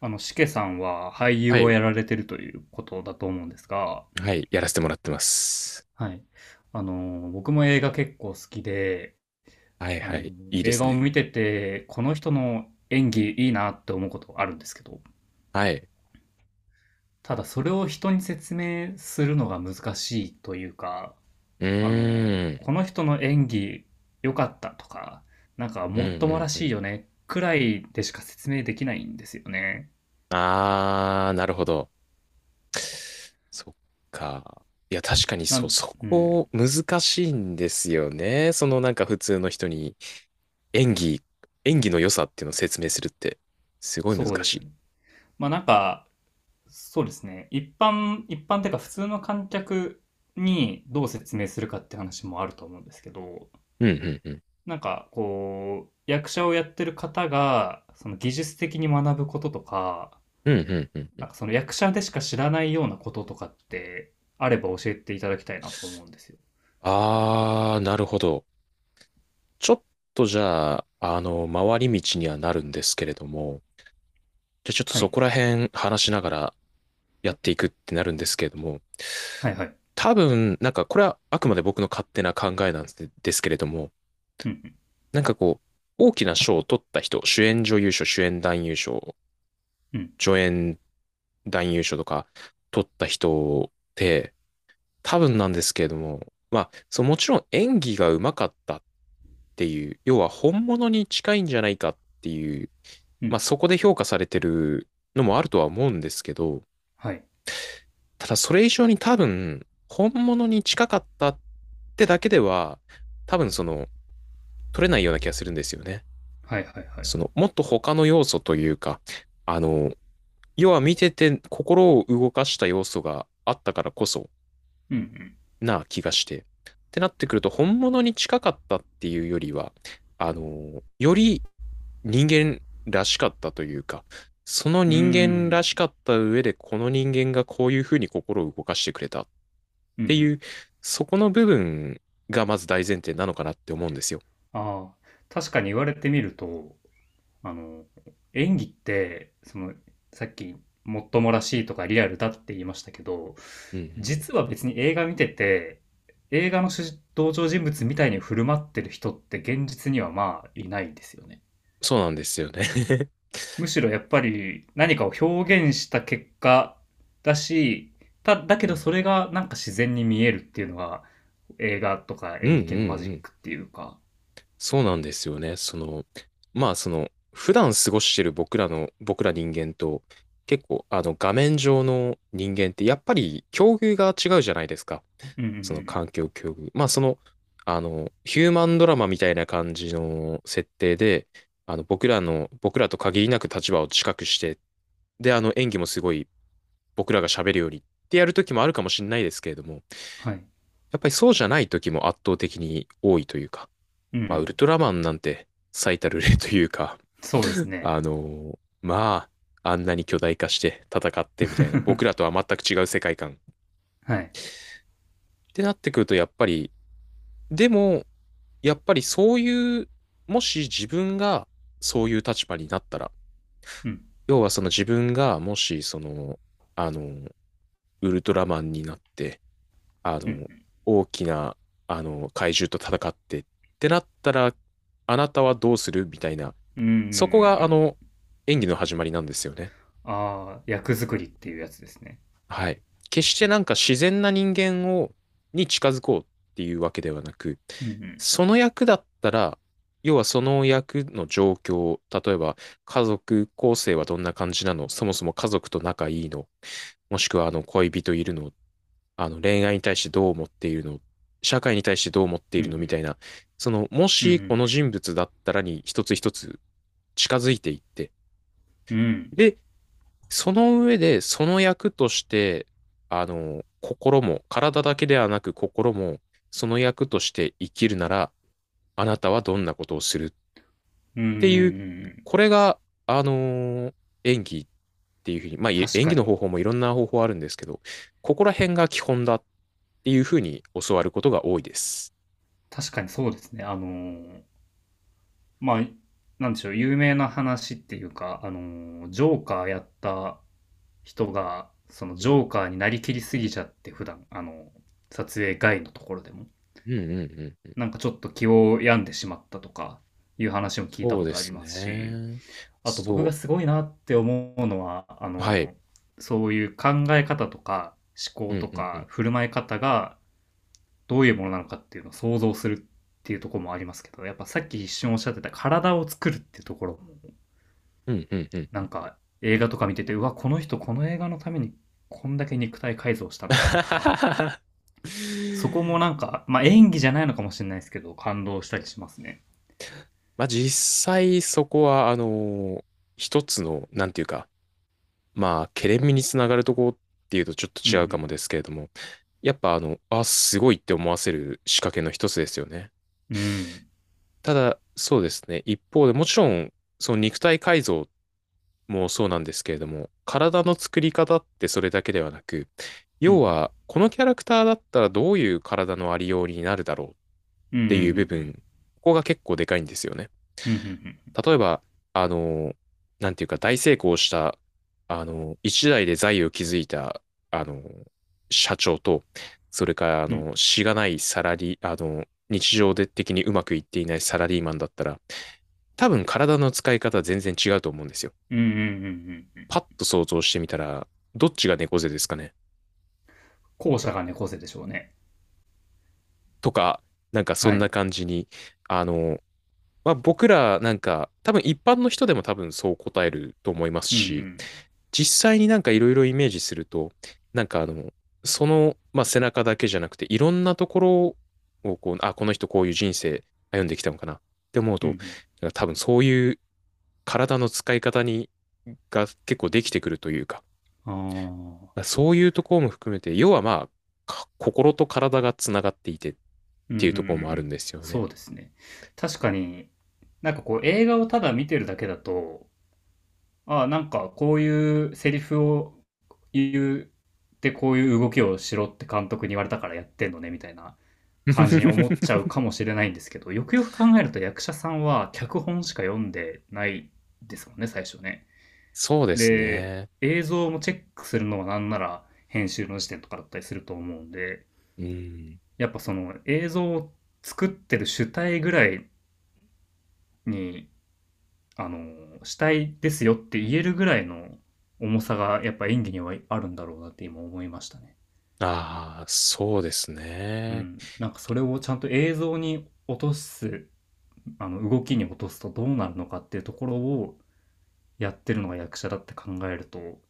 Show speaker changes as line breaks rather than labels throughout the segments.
しけさんは俳優
は
を
い。
やられてるということだと思うんですが、
はい。やらせてもらってます。
はい。僕も映画結構好きで、
はい
あ
は
の、
い。いいで
映
す
画を
ね。
見てて、この人の演技いいなって思うことあるんですけど、
はい。
ただそれを人に説明するのが難しいというか、
うーん。
この人の演技良かったとか、なんか
うん
もっと
う
もら
んう
しい
ん。
よね、くらいでしか説明できないんですよね。
あー、なるほど。そっか。いや、確かに
な
そう、
ん、
そ
うん、
こ難しいんですよね。そのなんか普通の人に演技、演技の良さっていうのを説明するって、すごい難
そうです
し
よ
い。
ね。まあなんか、そうですね。一般っていうか普通の観客にどう説明するかって話もあると思うんですけど、
うんうんうん。
なんかこう、役者をやってる方が、その技術的に学ぶこととか、
うんうんうんう
なん
ん。
かその役者でしか知らないようなこととかってあれば教えていただきたいなと思うんですよ。
あー、なるほど。ちょっとじゃあ、回り道にはなるんですけれども、じゃあちょっと
は
そ
い。
こら辺話しながらやっていくってなるんですけれども、
はいはい。
多分、なんかこれはあくまで僕の勝手な考えなんですけれども、
うん
なんかこう、大きな賞を取った人、主演女優賞、主演男優賞、
うん
助演男優賞とか取った人って、多分なんですけれども、まあ、そう、もちろん演技が上手かったっていう、要は本物に近いんじゃないかっていう、
うんう
ま
ん。
あそこで評価されてるのもあるとは思うんですけど、
はい。
ただそれ以上に多分、本物に近かったってだけでは、多分取れないような気がするんですよね。
はいはいはいはい。
もっと他の要素というか、あの、要は見てて心を動かした要素があったからこそ
うん
な気がして。ってなってくると、本物に近かったっていうよりは、より人間らしかったというか、その
うん。うー
人間らし
ん。
かった上で、この人間がこういうふうに心を動かしてくれた。っ
うんう
てい
ん。
う、そこの部分がまず大前提なのかなって思うんですよ。
ああ。確かに言われてみると、あの、演技って、その、さっき、もっともらしいとかリアルだって言いましたけど、
うんうんうん、
実は別に映画見てて、映画の主人登場人物みたいに振る舞ってる人って現実にはまあいないですよね。
そうなんですよね。
むしろやっぱり何かを表現した結果だし、だけ
う
ど
ん
それがなんか自然に見えるっていうのが映画とか
うん う
演劇のマジッ
ん。
クっていうか。
そうなんですよね。まあその、普段過ごしてる僕ら人間と、結構あの画面上の人間ってやっぱり境遇が違うじゃないですか。
うんうんう
その環
ん。
境境遇。まあその、ヒューマンドラマみたいな感じの設定で、あの僕らと限りなく立場を近くして、で、あの演技もすごい僕らが喋るよりってやる時もあるかもしれないですけれども、
はい。
やっぱりそうじゃない時も圧倒的に多いというか、
う
まあ、ウル
ん。
トラマンなんて最たる例というか、
そうですね。
まあ、あんなに巨大化して戦ってみたいな、僕らとは全く違う世界観っ
はい。
てなってくると、やっぱり、でも、やっぱりそういう、もし自分がそういう立場になったら、
うん。
要はその自分がもしその、あの、ウルトラマンになって、あ
う
の、
ん。
大きな、怪獣と戦ってってなったら、あなたはどうするみたいな、
うんうんうんう
そこが、
ん。
演技の始まりなんですよね。
ああ、役作りっていうやつですね。
はい。決してなんか自然な人間を、に近づこうっていうわけではなく、
うんうん。
その役だったら、要はその役の状況、例えば家族構成はどんな感じなの、そもそも家族と仲いいの、もしくはあの恋人いるのっあの恋愛に対してどう思っているの、社会に対してどう思って
う
いるのみた
ん
いな、その、も
うん。う
し
ん
この人物だったらに一つ一つ近づいていって、
うんうん。
で、その上で、その役として、心も、体だけではなく心も、その役として生きるなら、あなたはどんなことをするっ
うんうんう
っ
ん
ていう、
うん。
これが、あのー演技っていうふうに、まあ、
確
演
か
技の
に。
方法もいろんな方法あるんですけど、ここら辺が基本だっていうふうに教わることが多いです。
確かにそうですね。まあ、なんでしょう、有名な話っていうか、ジョーカーやった人が、その
う
ジ
ん
ョーカーになりきりすぎちゃって、普段、撮影外のところでも、
うんうんうん。
なんかちょっと気を病んでしまったとか、いう話も聞いた
そう
こ
で
とあり
す
ますし、
ね。
あと僕が
そ
すごいなって思うのは、
う。はい。
そういう考え方とか思
う
考
ん
と
うんう
か
ん。
振る舞い方がどういうものなのかっていうのを想像するっていうところもありますけど、やっぱさっき一瞬おっしゃってた体を作るっていうところ、
うんうんうん
な
う
ん
ん
か映画とか見てて、うわ、この人この映画のためにこんだけ肉体改造したのかとか、そこもなん か、まあ演技じゃないのかもしれないですけど、感動したりしますね。
まあ実際そこは、一つの、なんていうか、まあ、ケレン味につながるとこっていうとちょっと
う
違うか
ん
もですけれども、やっぱあ、すごいって思わせる仕掛けの一つですよね。
うん。うん。
ただ、そうですね。一方でもちろん、その肉体改造もそうなんですけれども、体の作り方ってそれだけではなく、
うんう
要
ん。
は、このキャラクターだったらどういう体のありようになるだろうっ
うんう
ていう部分、
ん
ここが結構でかいんですよね。
うんうん。うんうんうん。
例えば、あの、なんていうか、大成功した、一代で財を築いた、あの、社長と、それから、
うん
しがないサラリー、日常で的にうまくいっていないサラリーマンだったら、多分体の使い方は全然違うと思うんですよ。
うんうんうんうん。
パッと想像してみたら、どっちが猫背ですかね
後者が猫背でしょうね。
とか、なんかそ
は
んな
い。
感じに、あの、まあ、僕らなんか多分一般の人でも多分そう答えると思います
う
し、
ん
実際になんかいろいろイメージすると、なんかまあ、背中だけじゃなくていろんなところをこう、あ、この人こういう人生歩んできたのかなって思う
うん。う
と、
ん
なんか多分そういう体の使い方にが結構できてくるというか、
うん。ああ。
そういうところも含めて、要はまあ、か心と体がつながっていてっ
うんう
て
んう
い
ん
う
う
ところもあるん
ん。
ですよね。
そうですね。確かに、なんかこう映画をただ見てるだけだと、ああ、なんかこういうセリフを言うでこういう動きをしろって監督に言われたからやってんのねみたいな感じに思っちゃう かもしれないんですけど、よくよく考えると役者さんは脚本しか読んでないですもんね、最初ね。
そうです
で、
ね。
映像もチェックするのはなんなら編集の時点とかだったりすると思うんで、
うん。
やっぱその映像を作ってる主体ぐらいに、主体ですよって言えるぐらいの重さがやっぱ演技にはあるんだろうなって今思いましたね。
ああ、そうです
う
ね。
ん。なんかそれをちゃんと映像に落とす、動きに落とすとどうなるのかっていうところをやってるのが役者だって考えると、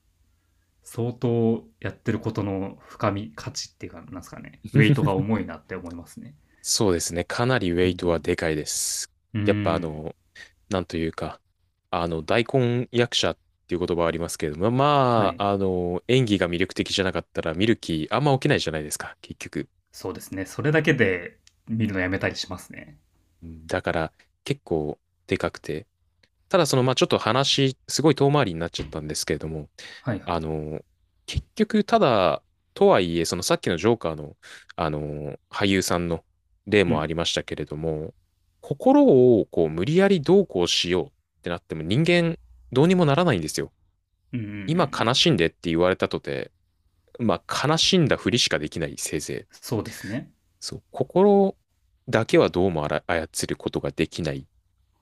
相当やってることの深み、価値っていうか、なんですかね、ウェイトが 重いなって思いますね。
そうですね。かなりウェ
う
イトはで
ん、
かいです。
うん。う
やっぱ
ん。
なんというか、大根役者っていう言葉はありますけれども、
は
ま
い。
あ、演技が魅力的じゃなかったら見る気あんま起きないじゃないですか、結局。
そうですね。それだけで見るのやめたりしますね。
だから、結構でかくて。ただその、まあ、ちょっと話、すごい遠回りになっちゃったんですけれども、
はいは
あ
い。
の、結局、ただ、とはいえ、そのさっきのジョーカーの、俳優さんの例
う
もあ
ん。
りましたけれども、心をこう無理やりどうこうしようってなっても人間どうにもならないんですよ。
うんうんう
今
ん。
悲しんでって言われたとて、まあ悲しんだふりしかできないせいぜい。
そうですね。
そう、心だけはどうも操ることができない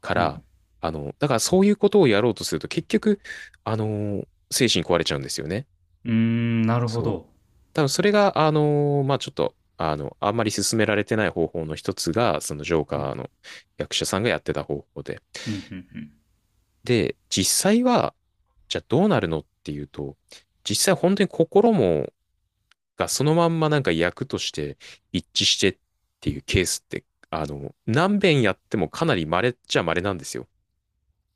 か
うん。
ら、だからそういうことをやろうとすると結局、精神壊れちゃうんですよね。
うーん、なるほ
そう。
ど。
多分それが、まあちょっと、あんまり進められてない方法の一つが、そのジョー
う
カ
ん。
ーの役者さんがやってた方法で。
うんうんうん。
で、実際は、じゃあどうなるのっていうと、実際本当に心も、がそのまんまなんか役として一致してっていうケースって、何遍やってもかなり稀っちゃ稀なんですよ。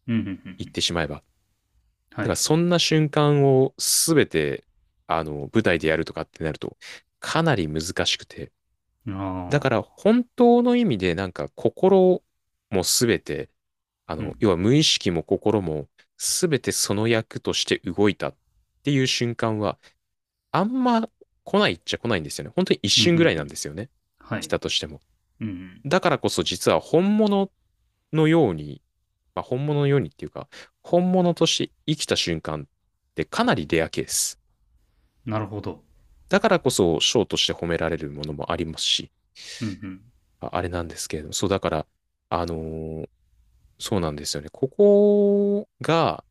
うんうん
言
う
っ
ん。
てしまえば。
は
だから
い。
そんな瞬間をすべて、舞台でやるとかってなると、かなり難しくて。
あ
だから
あ。
本当の意味でなんか心もすべて、
うん。
要は無意識も心もすべてその役として動いたっていう瞬間は、あんま来ないっちゃ来ないんですよね。本当に一
うんうん
瞬
う
ぐらいなん
ん。
ですよね。
は
来
い。
たとしても。
うんうん。
だからこそ実は本物のように、まあ、本物のようにっていうか、本物として生きた瞬間ってかなりレアケース。
なるほど。
だからこそ賞として褒められるものもありますし、
うんうん。
ああれなんですけれども、そうだから、あのーそうなんですよね。ここが、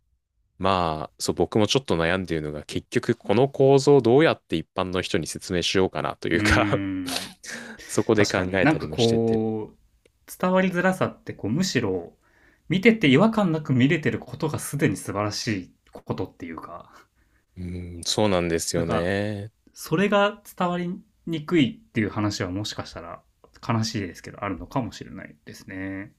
まあ、そう、僕もちょっと悩んでいるのが、結局この構造をどうやって一般の人に説明しようかなとい
うー
うか
ん。
そこで
確
考
かに。
え
な
た
ん
り
か
もしてて、
こう、伝わりづらさってこう、むしろ、見てて違和感なく見れてることがすでに素晴らしいことっていうか、
うん、そうなんです
な
よ
んか、
ね。
それが伝わりにくいっていう話はもしかしたら悲しいですけど、あるのかもしれないですね。